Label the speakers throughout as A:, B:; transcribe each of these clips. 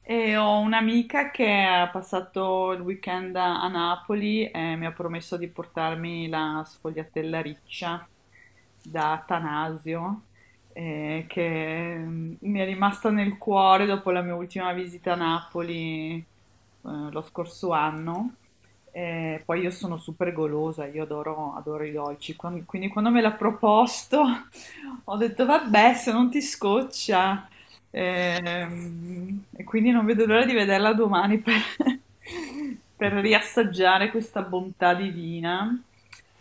A: E ho un'amica che ha passato il weekend a Napoli e mi ha promesso di portarmi la sfogliatella riccia da Atanasio, che mi è rimasta nel cuore dopo la mia ultima visita a Napoli, lo scorso anno. E poi io sono super golosa, io adoro, adoro i dolci. Quindi quando me l'ha proposto ho detto vabbè, se non ti scoccia. E quindi non vedo l'ora di vederla domani per riassaggiare questa bontà divina.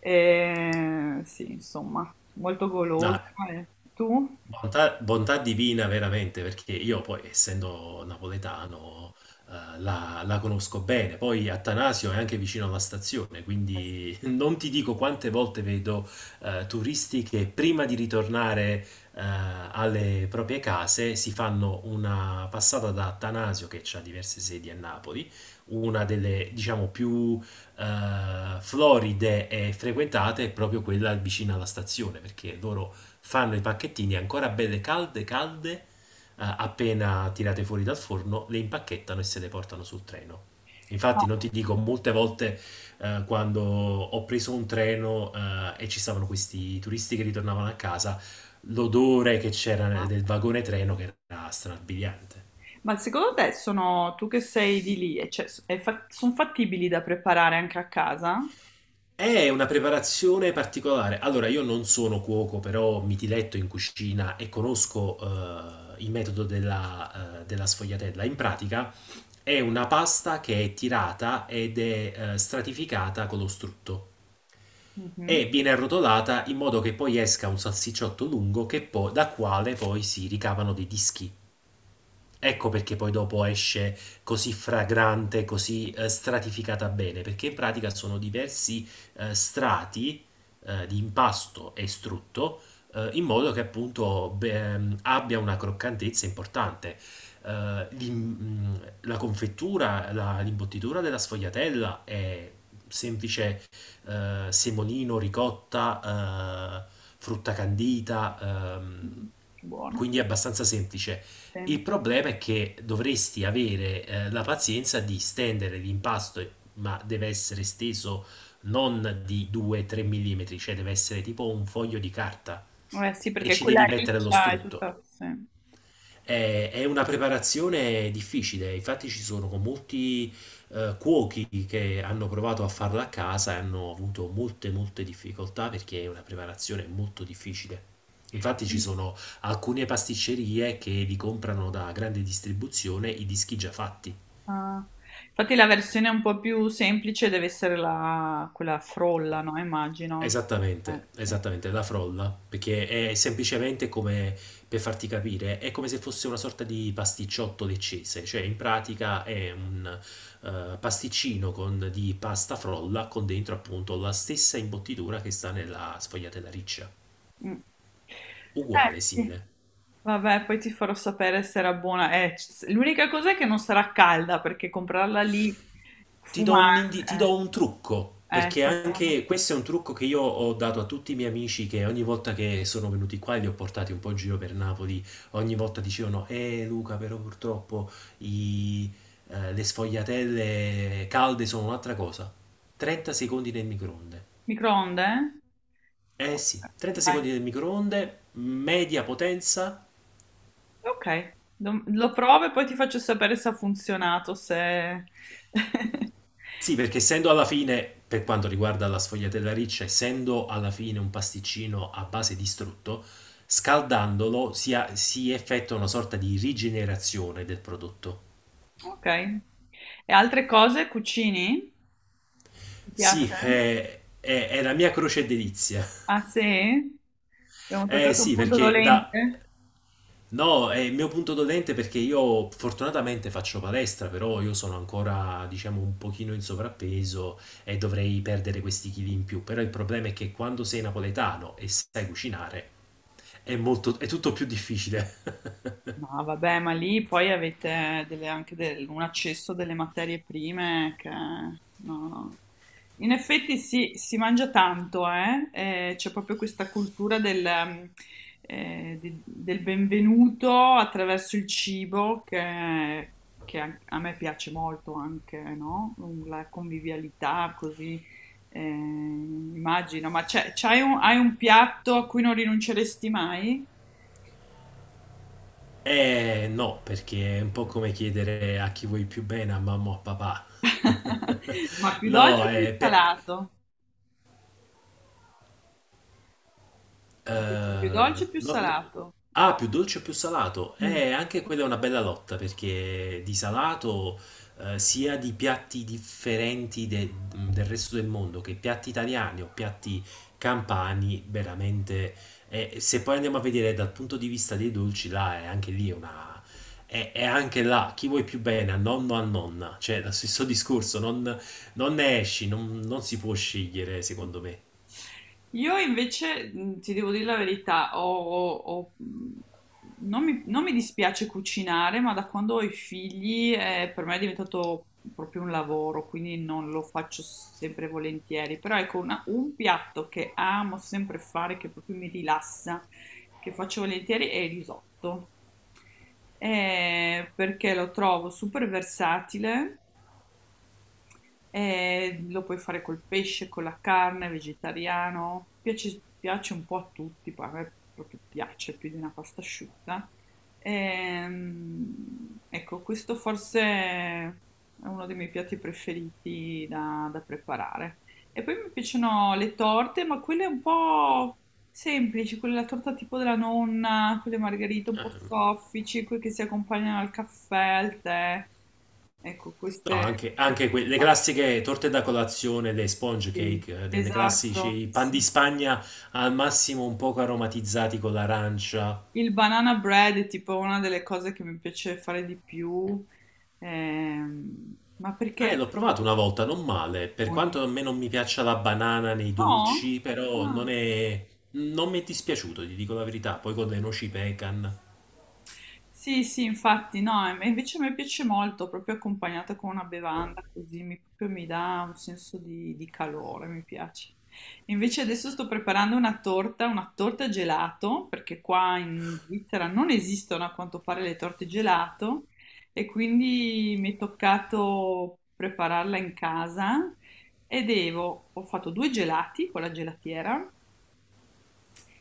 A: E sì, insomma, molto golosa.
B: No,
A: E tu?
B: bontà, bontà divina veramente, perché io poi, essendo napoletano, la conosco bene. Poi Attanasio è anche vicino alla stazione,
A: Eh sì.
B: quindi non ti dico quante volte vedo turisti che prima di ritornare eh, alle proprie case si fanno una passata da Attanasio, che ha diverse sedi a Napoli. Una delle, diciamo, più floride e frequentate è proprio quella vicina alla stazione, perché loro fanno i pacchettini ancora belle calde, calde, appena tirate fuori dal forno, le impacchettano e se le portano sul treno.
A: No.
B: Infatti non ti dico, molte volte quando ho preso un treno e ci stavano questi turisti che ritornavano a casa, l'odore che c'era del vagone treno che era strabiliante.
A: Ma secondo te sono tu che sei di lì, e cioè, sono fattibili da preparare anche a casa?
B: È una preparazione particolare. Allora, io non sono cuoco, però mi diletto in cucina e conosco il metodo della sfogliatella. In pratica è una pasta che è tirata ed è stratificata con lo strutto e
A: Mhm.
B: viene arrotolata in modo che poi esca un salsicciotto lungo da quale poi si ricavano dei dischi. Ecco perché poi dopo esce così fragrante, così stratificata bene, perché in pratica sono diversi strati di impasto e strutto in modo che appunto beh, abbia una croccantezza importante. Eh, l'im- mm, la confettura, l'imbottitura della sfogliatella è semplice: semolino, ricotta, frutta candita,
A: Buono.
B: quindi è abbastanza semplice.
A: Sì.
B: Il problema è che dovresti avere la pazienza di stendere l'impasto, ma deve essere steso non di 2-3 mm, cioè deve essere tipo un foglio di carta
A: Eh sì,
B: e
A: perché
B: ci
A: quella
B: devi mettere lo
A: riccia è
B: strutto.
A: tutta, sì.
B: È una preparazione difficile, infatti ci sono con molti cuochi che hanno provato a farla a casa e hanno avuto molte molte difficoltà perché è una preparazione molto difficile. Infatti ci sono alcune pasticcerie che vi comprano da grande distribuzione i dischi già fatti.
A: Ah. Infatti la versione un po' più semplice deve essere quella frolla, no? Immagino.
B: Esattamente,
A: Sì.
B: esattamente, la frolla, perché è semplicemente, come per farti capire, è come se fosse una sorta di pasticciotto leccese, cioè in pratica è un pasticcino di pasta frolla con dentro appunto la stessa imbottitura che sta nella sfogliatella riccia,
A: Mm.
B: uguale,
A: Sì.
B: simile.
A: Vabbè, poi ti farò sapere se era buona. L'unica cosa è che non sarà calda perché comprarla lì
B: Ti do un,
A: fumare.
B: indi- ti do un trucco, perché
A: Sentiamo.
B: anche questo è un trucco che io ho dato a tutti i miei amici che ogni volta che sono venuti qua e li ho portati un po' in giro per Napoli. Ogni volta dicevano: Luca, però purtroppo i- le sfogliatelle calde sono un'altra cosa. 30 secondi nel microonde.
A: Microonde?
B: Eh
A: Ok,
B: sì, 30
A: dai.
B: secondi nel microonde, media potenza.
A: Ok. Lo provo e poi ti faccio sapere se ha funzionato, se...
B: Sì, perché essendo alla fine, per quanto riguarda la sfogliatella riccia, essendo alla fine un pasticcino a base di strutto, scaldandolo si effettua una sorta di rigenerazione del prodotto.
A: Ok. E altre cose cucini? Ti
B: Sì,
A: piace?
B: è la mia croce e delizia.
A: Ah, sì? Abbiamo
B: Eh
A: toccato un
B: sì,
A: punto
B: perché da
A: dolente?
B: No, è il mio punto dolente perché io fortunatamente faccio palestra, però io sono ancora, diciamo, un pochino in sovrappeso e dovrei perdere questi chili in più. Però il problema è che quando sei napoletano e sai cucinare, è tutto più difficile.
A: No, vabbè, ma lì poi avete anche un accesso delle materie prime che... No, no. In effetti sì, si mangia tanto, eh? C'è proprio questa cultura del benvenuto attraverso il cibo che a me piace molto anche, no? La convivialità così, immagino. Ma hai un piatto a cui non rinunceresti mai?
B: Eh no, perché è un po' come chiedere a chi vuoi più bene, a mamma o a papà.
A: Ma più
B: No,
A: dolce o più
B: è, pe-
A: salato? Ti piace più dolce o più
B: No- no-
A: salato?
B: ah, più dolce o più salato?
A: Mm.
B: Anche quella è una bella lotta perché di salato, sia di piatti differenti del resto del mondo, che piatti italiani o piatti campani, veramente. Se poi andiamo a vedere dal punto di vista dei dolci, là è anche lì una. È anche là chi vuoi più bene, a nonno o a nonna, cioè lo stesso discorso, non ne esci, non si può scegliere, secondo me.
A: Io invece, ti devo dire la verità, non mi dispiace cucinare, ma da quando ho i figli, per me è diventato proprio un lavoro, quindi non lo faccio sempre e volentieri. Però ecco, un piatto che amo sempre fare, che proprio mi rilassa, che faccio volentieri, è il risotto. Perché lo trovo super versatile lo puoi fare col pesce, con la carne, vegetariano, piace, piace un po' a tutti, poi a me proprio piace più di una pasta asciutta. Ecco, questo forse è uno dei miei piatti preferiti da preparare. E poi mi piacciono le torte, ma quelle un po' semplici, quelle la torta tipo della nonna, quelle margherite un po' soffici, quelle che si accompagnano al caffè, al tè. Ecco,
B: No,
A: queste...
B: anche le classiche torte da colazione, le sponge
A: Sì,
B: cake, delle
A: esatto,
B: classici pan di
A: sì.
B: Spagna al massimo un poco aromatizzati con l'arancia.
A: Il banana bread è tipo una delle cose che mi piace fare di più, ma
B: Eh,
A: perché?
B: l'ho provato una volta, non male. Per quanto a me non mi piaccia la banana nei
A: No?
B: dolci, però
A: Ah.
B: non mi è dispiaciuto, ti dico la verità. Poi con le noci pecan.
A: Sì, sì, infatti, no, e invece a me piace molto, proprio accompagnata con una bevanda, così mi, proprio mi dà un senso di calore, mi piace. Invece adesso sto preparando una torta, gelato, perché qua in Svizzera non esistono a quanto pare le torte gelato, e quindi mi è toccato prepararla in casa e devo, ho fatto due gelati con la gelatiera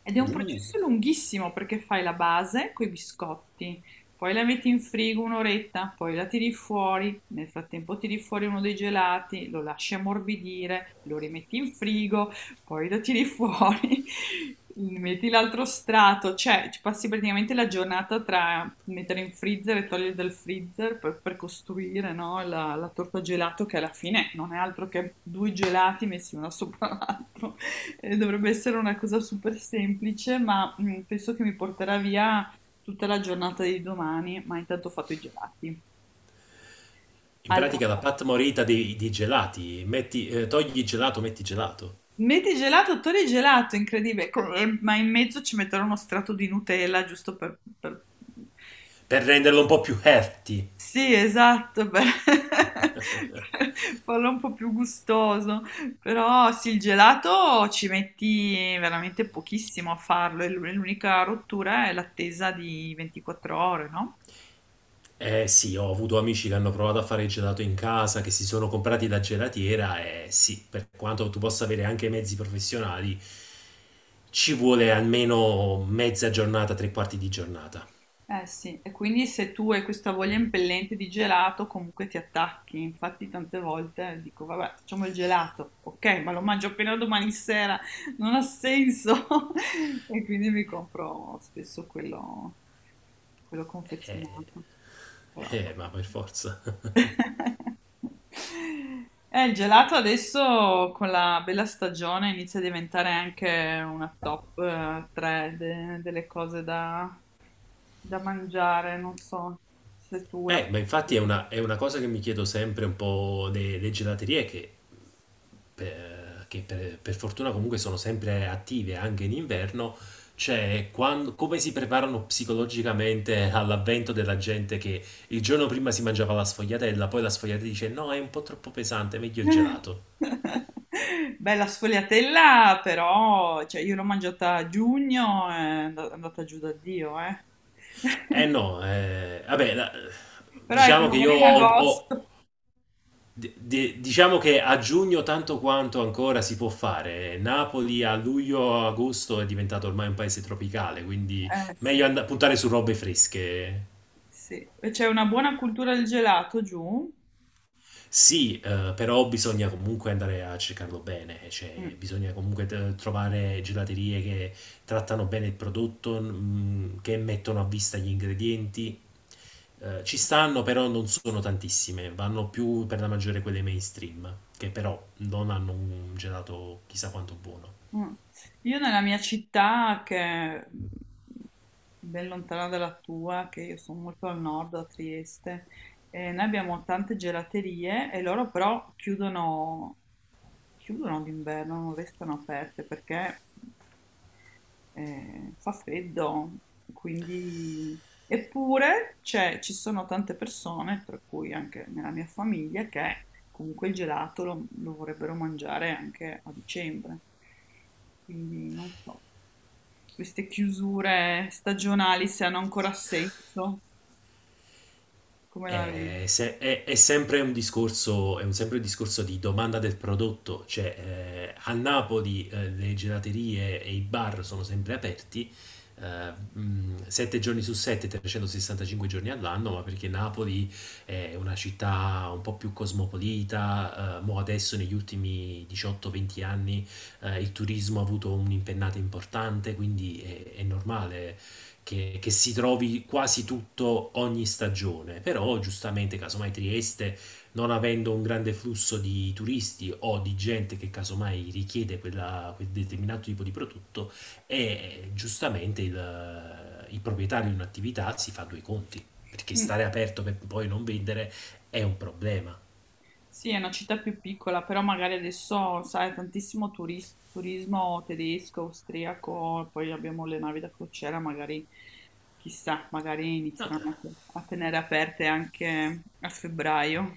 A: ed è un
B: Uh,
A: processo lunghissimo perché fai la base con i biscotti, poi la metti in frigo un'oretta, poi la tiri fuori, nel frattempo tiri fuori uno dei gelati, lo lasci ammorbidire, lo rimetti in frigo, poi lo tiri fuori, metti l'altro strato, cioè ci passi praticamente la giornata tra mettere in freezer e togliere dal freezer per costruire, no, la torta gelato che alla fine non è altro che due gelati messi uno sopra l'altro. Dovrebbe essere una cosa super semplice, ma penso che mi porterà via tutta la giornata di domani, ma intanto ho fatto i gelati.
B: in
A: Altra
B: pratica la
A: cosa.
B: pat morita dei gelati. Metti, togli il gelato, metti gelato.
A: Metti gelato, togli gelato, incredibile. Ma in mezzo ci metterò uno strato di Nutella, giusto per... per...
B: Per renderlo un po' più healthy.
A: Sì, esatto, per per farlo un po' più gustoso. Però sì, il gelato ci metti veramente pochissimo a farlo, e l'unica rottura è l'attesa di 24 ore, no?
B: Eh sì, ho avuto amici che hanno provato a fare il gelato in casa, che si sono comprati la gelatiera, e sì, per quanto tu possa avere anche i mezzi professionali, ci vuole almeno mezza giornata, tre quarti di giornata.
A: Eh sì, e quindi se tu hai questa voglia impellente di gelato, comunque ti attacchi. Infatti, tante volte dico, vabbè, facciamo il gelato, ok, ma lo mangio appena domani sera, non ha senso. E quindi mi compro spesso quello confezionato. Però,
B: Ma
A: vabbè.
B: per forza.
A: Il gelato adesso con la bella stagione inizia a diventare anche una top 3 delle cose da mangiare, non so se tu la...
B: Ma infatti è una cosa che mi chiedo sempre un po' le gelaterie, per fortuna comunque sono sempre attive anche in inverno, cioè come si preparano psicologicamente all'avvento della gente che il giorno prima si mangiava la sfogliatella, poi la sfogliatella dice no, è un po' troppo pesante, meglio il gelato.
A: Bella sfogliatella, però cioè, io l'ho mangiata a giugno, è andata giù da Dio, eh.
B: Eh no, vabbè,
A: Però ecco,
B: diciamo che
A: magari
B: io
A: in
B: ho, ho-
A: agosto.
B: di- diciamo che a giugno tanto quanto ancora si può fare. Napoli a luglio, agosto è diventato ormai un paese tropicale, quindi
A: Sì,
B: meglio puntare su robe fresche.
A: sì. E c'è una buona cultura del gelato giù?
B: Sì, però bisogna comunque andare a cercarlo bene, cioè
A: Mm,
B: bisogna comunque trovare gelaterie che trattano bene il prodotto, che mettono a vista gli ingredienti. Ci stanno, però non sono tantissime, vanno più per la maggiore quelle mainstream, che però non hanno un gelato chissà quanto buono.
A: mm. Io nella mia città, che è ben lontana dalla tua, che io sono molto al nord, a Trieste, noi abbiamo tante gelaterie e loro però chiudono, chiudono d'inverno, non restano aperte perché fa freddo, quindi... Eppure ci sono tante persone, tra cui anche nella mia famiglia, che comunque il gelato lo vorrebbero mangiare anche a dicembre. Quindi non so, queste chiusure stagionali se hanno ancora senso, come la
B: È,
A: vedi?
B: se- è sempre un discorso di domanda del prodotto, cioè a Napoli le gelaterie e i bar sono sempre aperti, eh, 7 giorni su 7, 365 giorni all'anno, ma perché Napoli è una città un po' più cosmopolita. Mo adesso negli ultimi 18-20 anni il turismo ha avuto un'impennata importante, quindi è normale che si trovi quasi tutto ogni stagione. Però giustamente casomai Trieste, non avendo un grande flusso di turisti o di gente che casomai richiede quel determinato tipo di prodotto, e giustamente il proprietario di un'attività si fa due conti, perché
A: Mm.
B: stare aperto per poi non vendere è un problema.
A: Sì, è una città più piccola, però magari adesso, sai, tantissimo turismo tedesco, austriaco, poi abbiamo le navi da crociera, magari, chissà, magari inizieranno
B: Ah,
A: a tenere aperte anche a febbraio.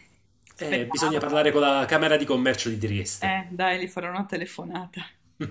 B: bisogna
A: Speriamo, dai.
B: parlare con la Camera di Commercio di Trieste.
A: Dai, gli farò una telefonata.